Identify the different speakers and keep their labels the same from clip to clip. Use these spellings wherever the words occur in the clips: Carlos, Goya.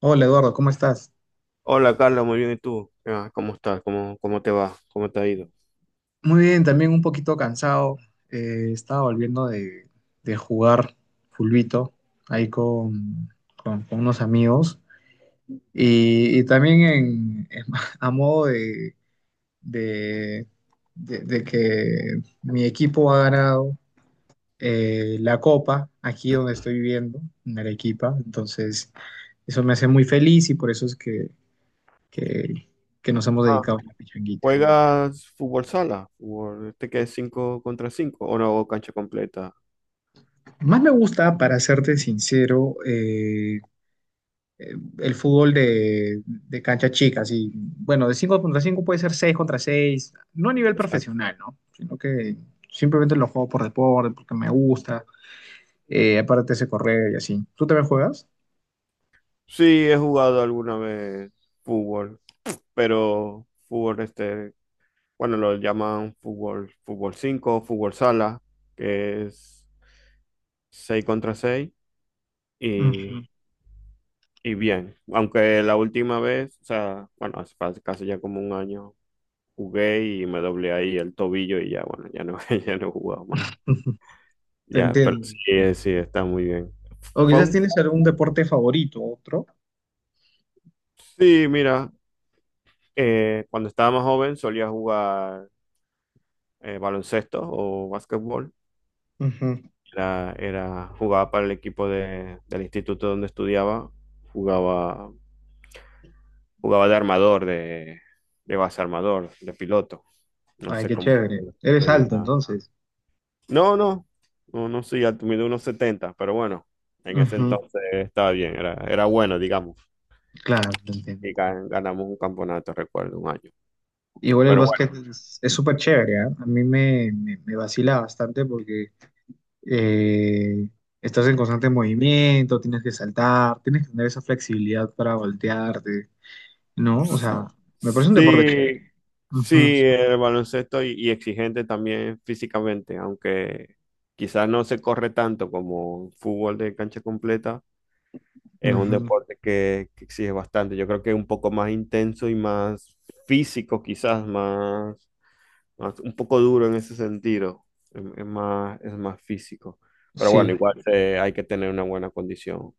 Speaker 1: Hola Eduardo, ¿cómo estás?
Speaker 2: Hola Carlos, muy bien. ¿Y tú? Ah, ¿cómo estás? ¿Cómo te va? ¿Cómo te ha ido?
Speaker 1: Muy bien, también un poquito cansado. Estaba volviendo de jugar fulbito ahí con, con unos amigos. Y también a modo de- de que mi equipo ha ganado la copa aquí donde estoy viviendo, en Arequipa. Entonces, eso me hace muy feliz y por eso es que, que nos hemos
Speaker 2: Ah,
Speaker 1: dedicado a la pichanguita.
Speaker 2: ¿juegas fútbol sala? ¿Fútbol este que es cinco contra 5 o no, o cancha completa?
Speaker 1: Más me gusta, para serte sincero, el fútbol de cancha chica, así, bueno, de 5 contra 5, puede ser 6 contra 6, no a nivel
Speaker 2: Exacto.
Speaker 1: profesional, ¿no? Sino que simplemente lo juego por deporte, porque me gusta, aparte se correr y así. ¿Tú también juegas?
Speaker 2: Sí, he jugado alguna vez fútbol, pero fútbol este, bueno, lo llaman fútbol, fútbol 5, fútbol sala, que es 6 contra 6 y,
Speaker 1: Ujú,
Speaker 2: y bien. Aunque la última vez, o sea, bueno, hace casi ya como un año, jugué y me doblé ahí el tobillo y ya, bueno, ya no, ya no he jugado más.
Speaker 1: ujú. Te
Speaker 2: Ya, pero sí,
Speaker 1: entiendo.
Speaker 2: eh, sí, está muy bien.
Speaker 1: O
Speaker 2: Fue
Speaker 1: quizás
Speaker 2: un-
Speaker 1: tienes algún deporte favorito, otro.
Speaker 2: Sí, mira, cuando estaba más joven solía jugar baloncesto o básquetbol.
Speaker 1: Ujú.
Speaker 2: Jugaba para el equipo del instituto donde estudiaba. Jugaba, jugaba de armador, de base armador, de piloto. No
Speaker 1: Ay,
Speaker 2: sé
Speaker 1: qué
Speaker 2: cómo
Speaker 1: chévere.
Speaker 2: se
Speaker 1: Eres alto,
Speaker 2: dirá.
Speaker 1: entonces.
Speaker 2: No, no, no, no soy alto, mido unos 70, pero bueno, en ese
Speaker 1: Ujú.
Speaker 2: entonces estaba bien, era bueno, digamos,
Speaker 1: Claro, te entiendo.
Speaker 2: y ganamos un campeonato, recuerdo, un año.
Speaker 1: Igual el
Speaker 2: Pero
Speaker 1: básquet
Speaker 2: bueno,
Speaker 1: es súper chévere, ¿ah? A mí me vacila bastante porque eh, estás en constante movimiento, tienes que saltar, tienes que tener esa flexibilidad para voltearte, ¿no? O sea, me parece un deporte
Speaker 2: sí,
Speaker 1: chévere. Ujú,
Speaker 2: sí, el baloncesto y exigente también físicamente, aunque quizás no se corre tanto como fútbol de cancha completa, es un
Speaker 1: ujú.
Speaker 2: deporte que exige bastante. Yo creo que es un poco más intenso y más físico, quizás un poco duro en ese sentido, es más físico. Pero
Speaker 1: Sí,
Speaker 2: bueno, igual hay que tener una buena condición,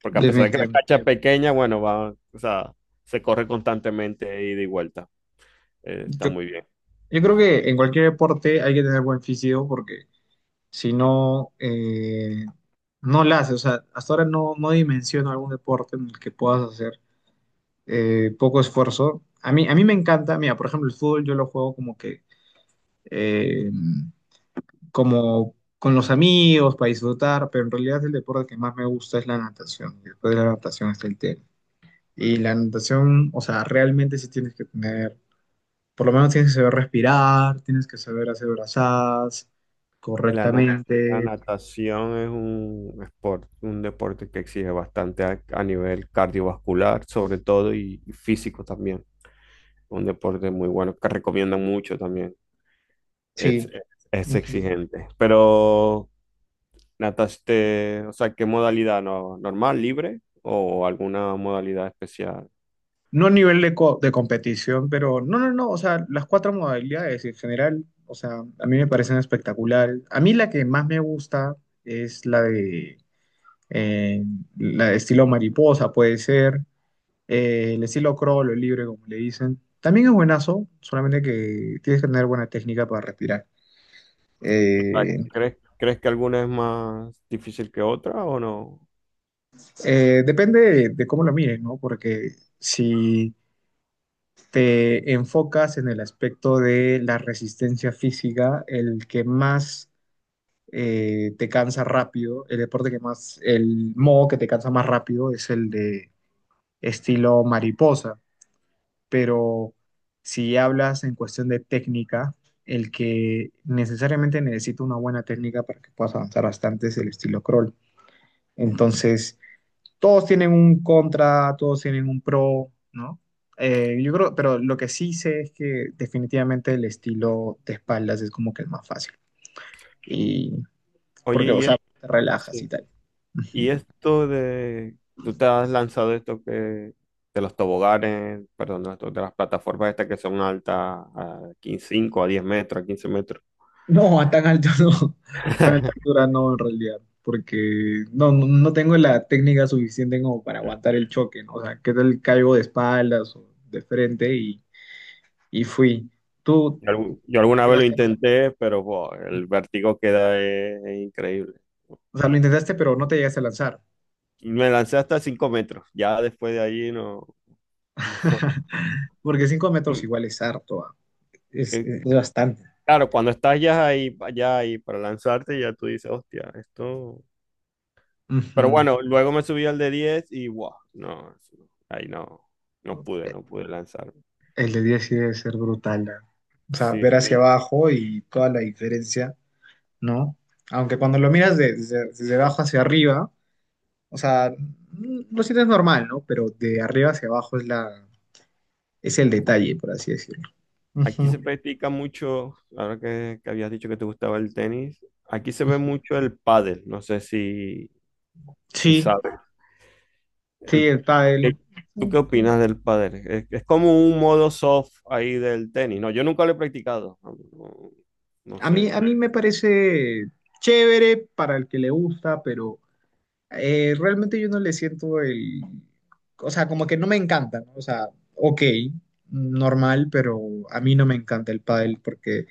Speaker 2: porque a pesar de que la
Speaker 1: definitivamente.
Speaker 2: cancha es pequeña, bueno, va, o sea, se corre constantemente de ida y vuelta. Está
Speaker 1: Yo,
Speaker 2: muy bien.
Speaker 1: yo creo que en cualquier deporte hay que tener buen físico porque si no, no la haces. O sea, hasta ahora no dimensiono algún deporte en el que puedas hacer poco esfuerzo. A mí me encanta, mira, por ejemplo, el fútbol yo lo juego como eh, como con los amigos, para disfrutar, pero en realidad el deporte que más me gusta es la natación. Y después de la natación está el tenis. Y la natación, o sea, realmente sí tienes que tener, por lo menos tienes que saber respirar, tienes que saber hacer brazadas
Speaker 2: La, na- la
Speaker 1: correctamente.
Speaker 2: natación es un sport, un deporte que exige bastante a nivel cardiovascular, sobre todo, y físico también. Un deporte muy bueno que recomiendan mucho también. Es,
Speaker 1: Sí.
Speaker 2: es, es
Speaker 1: Ujú.
Speaker 2: exigente. Pero ¿nataste? O sea, ¿qué modalidad? ¿No, normal, libre o alguna modalidad especial?
Speaker 1: No a nivel de competición, pero no, o sea, las cuatro modalidades en general, o sea, a mí me parecen espectacular. A mí la que más me gusta es la eh, la de estilo mariposa, puede ser, el estilo crawl o libre, como le dicen. También es buenazo, solamente que tienes que tener buena técnica para respirar. Eh,
Speaker 2: ¿Crees que alguna es más difícil que otra o no?
Speaker 1: Depende de cómo lo mires, ¿no? Porque si te enfocas en el aspecto de la resistencia física, el que más te cansa rápido, el deporte que más, el modo que te cansa más rápido es el de estilo mariposa, pero si hablas en cuestión de técnica, el que necesariamente necesita una buena técnica para que puedas avanzar bastante es el estilo crawl. Entonces, todos tienen un contra, todos tienen un pro, ¿no? Yo creo, pero lo que sí sé es que definitivamente el estilo de espaldas es como que el más fácil. Y
Speaker 2: Oye,
Speaker 1: porque, o sea, te relajas y
Speaker 2: sí.
Speaker 1: tal.
Speaker 2: Y esto de, tú te has lanzado esto que, de los toboganes, perdón, de las plataformas estas que son altas a 15, 5 a 10 metros, a 15 metros.
Speaker 1: No, a tan alto no. A tan alta altura no, en realidad. Porque no tengo la técnica suficiente como para aguantar el choque, ¿no? O sea, que tal caigo de espaldas o de frente y fui. Tú
Speaker 2: Yo alguna vez lo
Speaker 1: llegaste a...
Speaker 2: intenté, pero buah, el vértigo que da es increíble.
Speaker 1: O sea, lo intentaste, pero no te llegaste a lanzar.
Speaker 2: Me lancé hasta 5 metros. Ya después de ahí no, no.
Speaker 1: Porque 5 metros
Speaker 2: Mm,
Speaker 1: igual es harto, ah.
Speaker 2: Eh,
Speaker 1: Es bastante.
Speaker 2: Claro, cuando estás ya ahí para lanzarte, ya tú dices, hostia, esto. Pero
Speaker 1: Ujú.
Speaker 2: bueno, luego me subí al de 10 y wow, no, no, ahí no, no pude lanzarme.
Speaker 1: El de 10 sí debe ser brutal, ah. O sea,
Speaker 2: Sí,
Speaker 1: ver
Speaker 2: sí.
Speaker 1: hacia abajo y toda la diferencia, ¿no? Aunque cuando lo miras desde abajo hacia arriba, o sea, mm, lo sientes normal, ¿no? Pero de arriba hacia abajo es es el detalle, por así decirlo.
Speaker 2: Aquí
Speaker 1: Ujú.
Speaker 2: se practica mucho, ahora que habías dicho que te gustaba el tenis. Aquí se ve mucho el pádel, no sé si
Speaker 1: Sí,
Speaker 2: sabes.
Speaker 1: sí,
Speaker 2: El-
Speaker 1: el pádel.
Speaker 2: ¿qué- ¿Tú qué opinas del pádel? Es como un modo soft ahí del tenis. No, yo nunca lo he practicado. No, no
Speaker 1: A
Speaker 2: sé.
Speaker 1: mí me parece chévere para el que le gusta, pero realmente yo no le siento o sea, como que no me encanta, ¿no? O sea, ok, normal, pero a mí no me encanta el pádel porque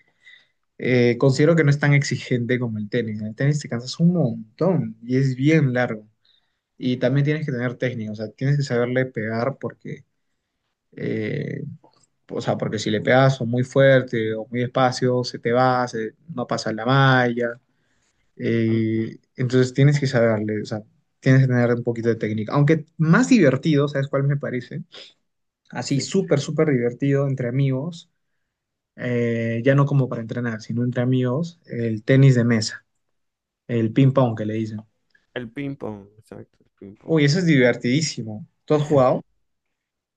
Speaker 1: considero que no es tan exigente como el tenis. En el tenis te cansas un montón y es bien largo. Y también tienes que tener técnica, o sea, tienes que saberle pegar porque, eh, o sea, porque si le pegas o muy fuerte o muy despacio, se te va, se- no pasa la malla.
Speaker 2: A mí-
Speaker 1: Entonces tienes que saberle, o sea, tienes que tener un poquito de técnica. Aunque más divertido, ¿sabes cuál me parece? Así,
Speaker 2: Sí,
Speaker 1: súper divertido entre amigos, ya no como para entrenar, sino entre amigos, el tenis de mesa, el ping-pong que le dicen.
Speaker 2: el ping pong, exacto, el ping pong.
Speaker 1: Uy, eso es divertidísimo. ¿Tú has jugado?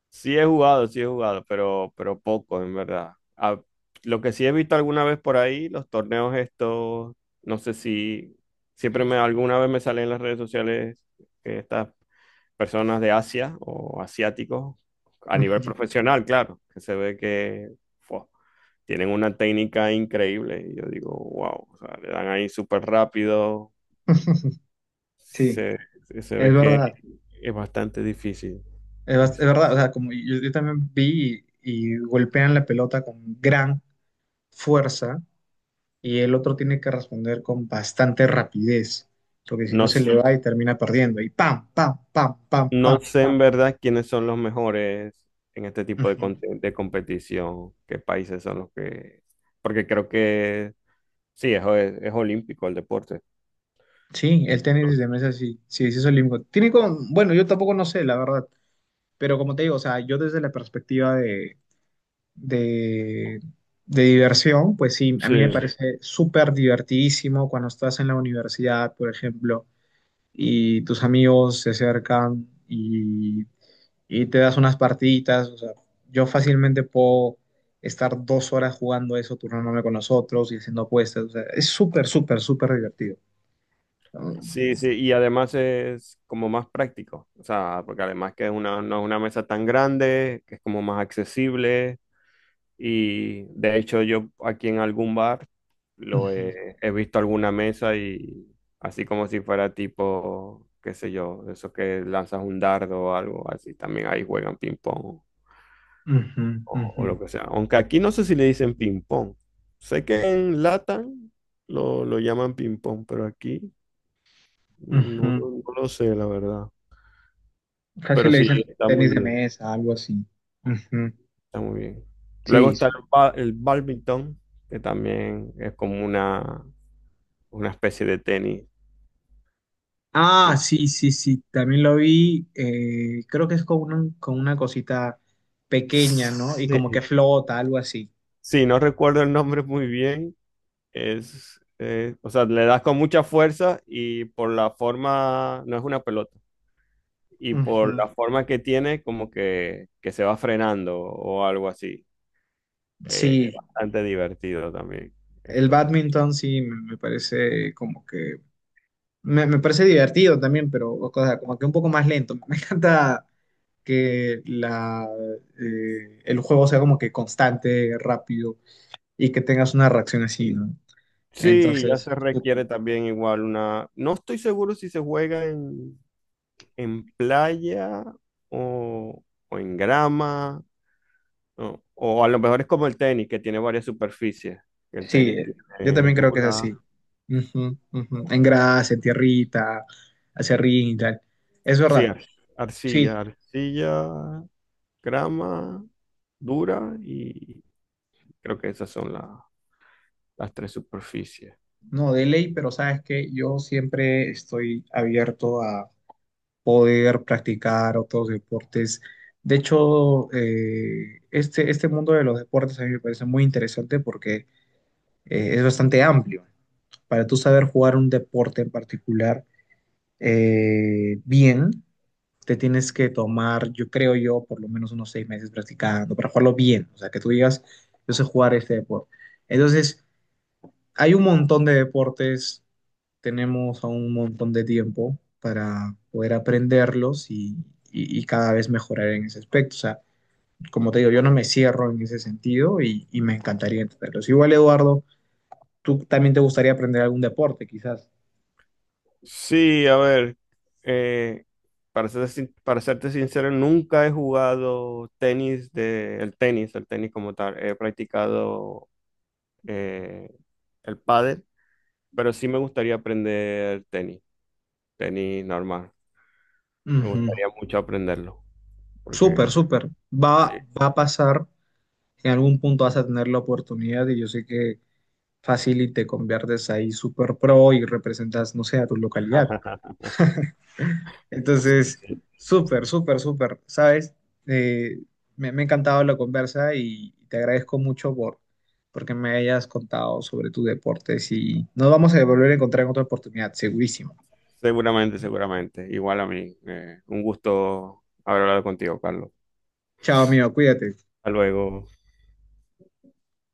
Speaker 2: Sí he jugado, pero poco, en verdad. Ah, lo que sí he visto alguna vez por ahí, los torneos estos, no sé si siempre me alguna vez me salen en las redes sociales que estas personas de Asia o asiáticos a nivel
Speaker 1: Ujú.
Speaker 2: profesional, claro, que se ve que fua, tienen una técnica increíble. Y yo digo, wow, o sea, le dan ahí súper rápido,
Speaker 1: Sí,
Speaker 2: se, se
Speaker 1: es
Speaker 2: ve que
Speaker 1: verdad.
Speaker 2: es bastante difícil.
Speaker 1: Es, bas-
Speaker 2: Y
Speaker 1: es
Speaker 2: sí.
Speaker 1: verdad, o sea, como yo también vi y golpean la pelota con gran fuerza y el otro tiene que responder con bastante rapidez, porque si
Speaker 2: No,
Speaker 1: no se le va y termina perdiendo. Y pam, pam, pam, pam,
Speaker 2: no
Speaker 1: pam.
Speaker 2: sé en verdad quiénes son los mejores en este tipo de,
Speaker 1: Ujú.
Speaker 2: con- de competición, qué países son los que... Porque creo que sí, es olímpico el deporte.
Speaker 1: Sí,
Speaker 2: No-
Speaker 1: el tenis
Speaker 2: no-
Speaker 1: de mesa sí es olímpico. Tiene como bueno, yo tampoco no sé, la verdad, pero como te digo, o sea, yo desde la perspectiva de, de diversión, pues sí, a mí me
Speaker 2: Sí.
Speaker 1: parece súper divertidísimo cuando estás en la universidad, por ejemplo, y tus amigos se acercan y te das unas partiditas. O sea, yo fácilmente puedo estar 2 horas jugando eso, turnándome con nosotros y haciendo apuestas. O sea, es súper divertido.
Speaker 2: Sí, sí, y además es como más práctico, o sea, porque además que es una, no es una mesa tan grande, que es como más accesible, y de hecho yo aquí en algún bar lo
Speaker 1: Ujú,
Speaker 2: he visto alguna mesa, y así como si fuera tipo, qué sé yo, de esos que lanzas un dardo o algo así, también ahí juegan ping pong
Speaker 1: ujú,
Speaker 2: o,
Speaker 1: ujú,
Speaker 2: o lo que sea. Aunque aquí no sé si le dicen ping pong, sé que en Latam lo llaman ping pong, pero aquí no
Speaker 1: ujú.
Speaker 2: no lo sé, la verdad.
Speaker 1: Casi
Speaker 2: Pero
Speaker 1: le
Speaker 2: sí,
Speaker 1: dicen
Speaker 2: está muy
Speaker 1: tenis de
Speaker 2: bien,
Speaker 1: mesa, algo así. Ujú.
Speaker 2: está muy bien. Luego
Speaker 1: Sí,
Speaker 2: está
Speaker 1: sí.
Speaker 2: el bádminton, que también es como una especie de tenis. Que...
Speaker 1: Ah, sí, sí, sí. También lo vi. Creo que es con con una cosita pequeña, ¿no? Y
Speaker 2: Sí,
Speaker 1: como que flota, algo así.
Speaker 2: sí, no recuerdo el nombre muy bien. O sea, le das con mucha fuerza y por la forma, no es una pelota, y por
Speaker 1: Ujú.
Speaker 2: la forma que tiene, como que se va frenando o algo así. Es
Speaker 1: Sí.
Speaker 2: bastante divertido también
Speaker 1: El
Speaker 2: esto.
Speaker 1: badminton sí me parece como que me parece divertido también, pero o sea, como que un poco más lento. Me encanta que el juego sea como que constante, rápido y que tengas una reacción así, ¿no?
Speaker 2: Sí, ya
Speaker 1: Entonces,
Speaker 2: se
Speaker 1: súper.
Speaker 2: requiere también igual una. No estoy seguro si se juega en playa, o, o en grama, o a lo mejor es como el tenis, que tiene varias superficies. El
Speaker 1: Sí,
Speaker 2: tenis
Speaker 1: yo
Speaker 2: tiene
Speaker 1: también creo que es
Speaker 2: dura,
Speaker 1: así. Ujú, ujú. En grasa, en tierrita, hacia ring y tal. Es
Speaker 2: sí,
Speaker 1: verdad. Sí,
Speaker 2: arcilla, grama, dura, y creo que esas son las tres superficies.
Speaker 1: no, de ley, pero sabes que yo siempre estoy abierto poder practicar otros deportes. De hecho, este mundo de los deportes a mí me parece muy interesante porque es bastante amplio. Para tú saber jugar un deporte en particular bien, te tienes que tomar, yo creo yo, por lo menos unos 6 meses practicando para jugarlo bien. O sea, que tú digas, yo sé jugar este deporte. Entonces, hay un montón de deportes, tenemos aún un montón de tiempo para poder aprenderlos y cada vez mejorar en ese aspecto. O sea, como te digo, yo no me cierro en ese sentido y me encantaría entenderlos. Igual, Eduardo, tú también te gustaría aprender algún deporte, quizás.
Speaker 2: Sí, a ver, eh, para serte sincero, nunca he jugado tenis de, el tenis como tal. He practicado eh, el pádel, pero sí me gustaría aprender tenis, tenis normal. Me
Speaker 1: Ujú.
Speaker 2: gustaría mucho aprenderlo,
Speaker 1: Súper,
Speaker 2: porque
Speaker 1: súper.
Speaker 2: sí.
Speaker 1: Va, va a pasar, en algún punto vas a tener la oportunidad y yo sé que fácil y te conviertes ahí súper pro y representas, no sé, a tu localidad. Entonces, súper, súper, súper, ¿sabes? Eh, Me, me ha encantado la conversa y te agradezco mucho porque me hayas contado sobre tus deportes y nos vamos a volver a encontrar en otra oportunidad, segurísimo.
Speaker 2: Seguramente, seguramente. Igual a mí, un gusto haber hablado contigo, Carlos.
Speaker 1: Chao, amigo, cuídate.
Speaker 2: Hasta luego.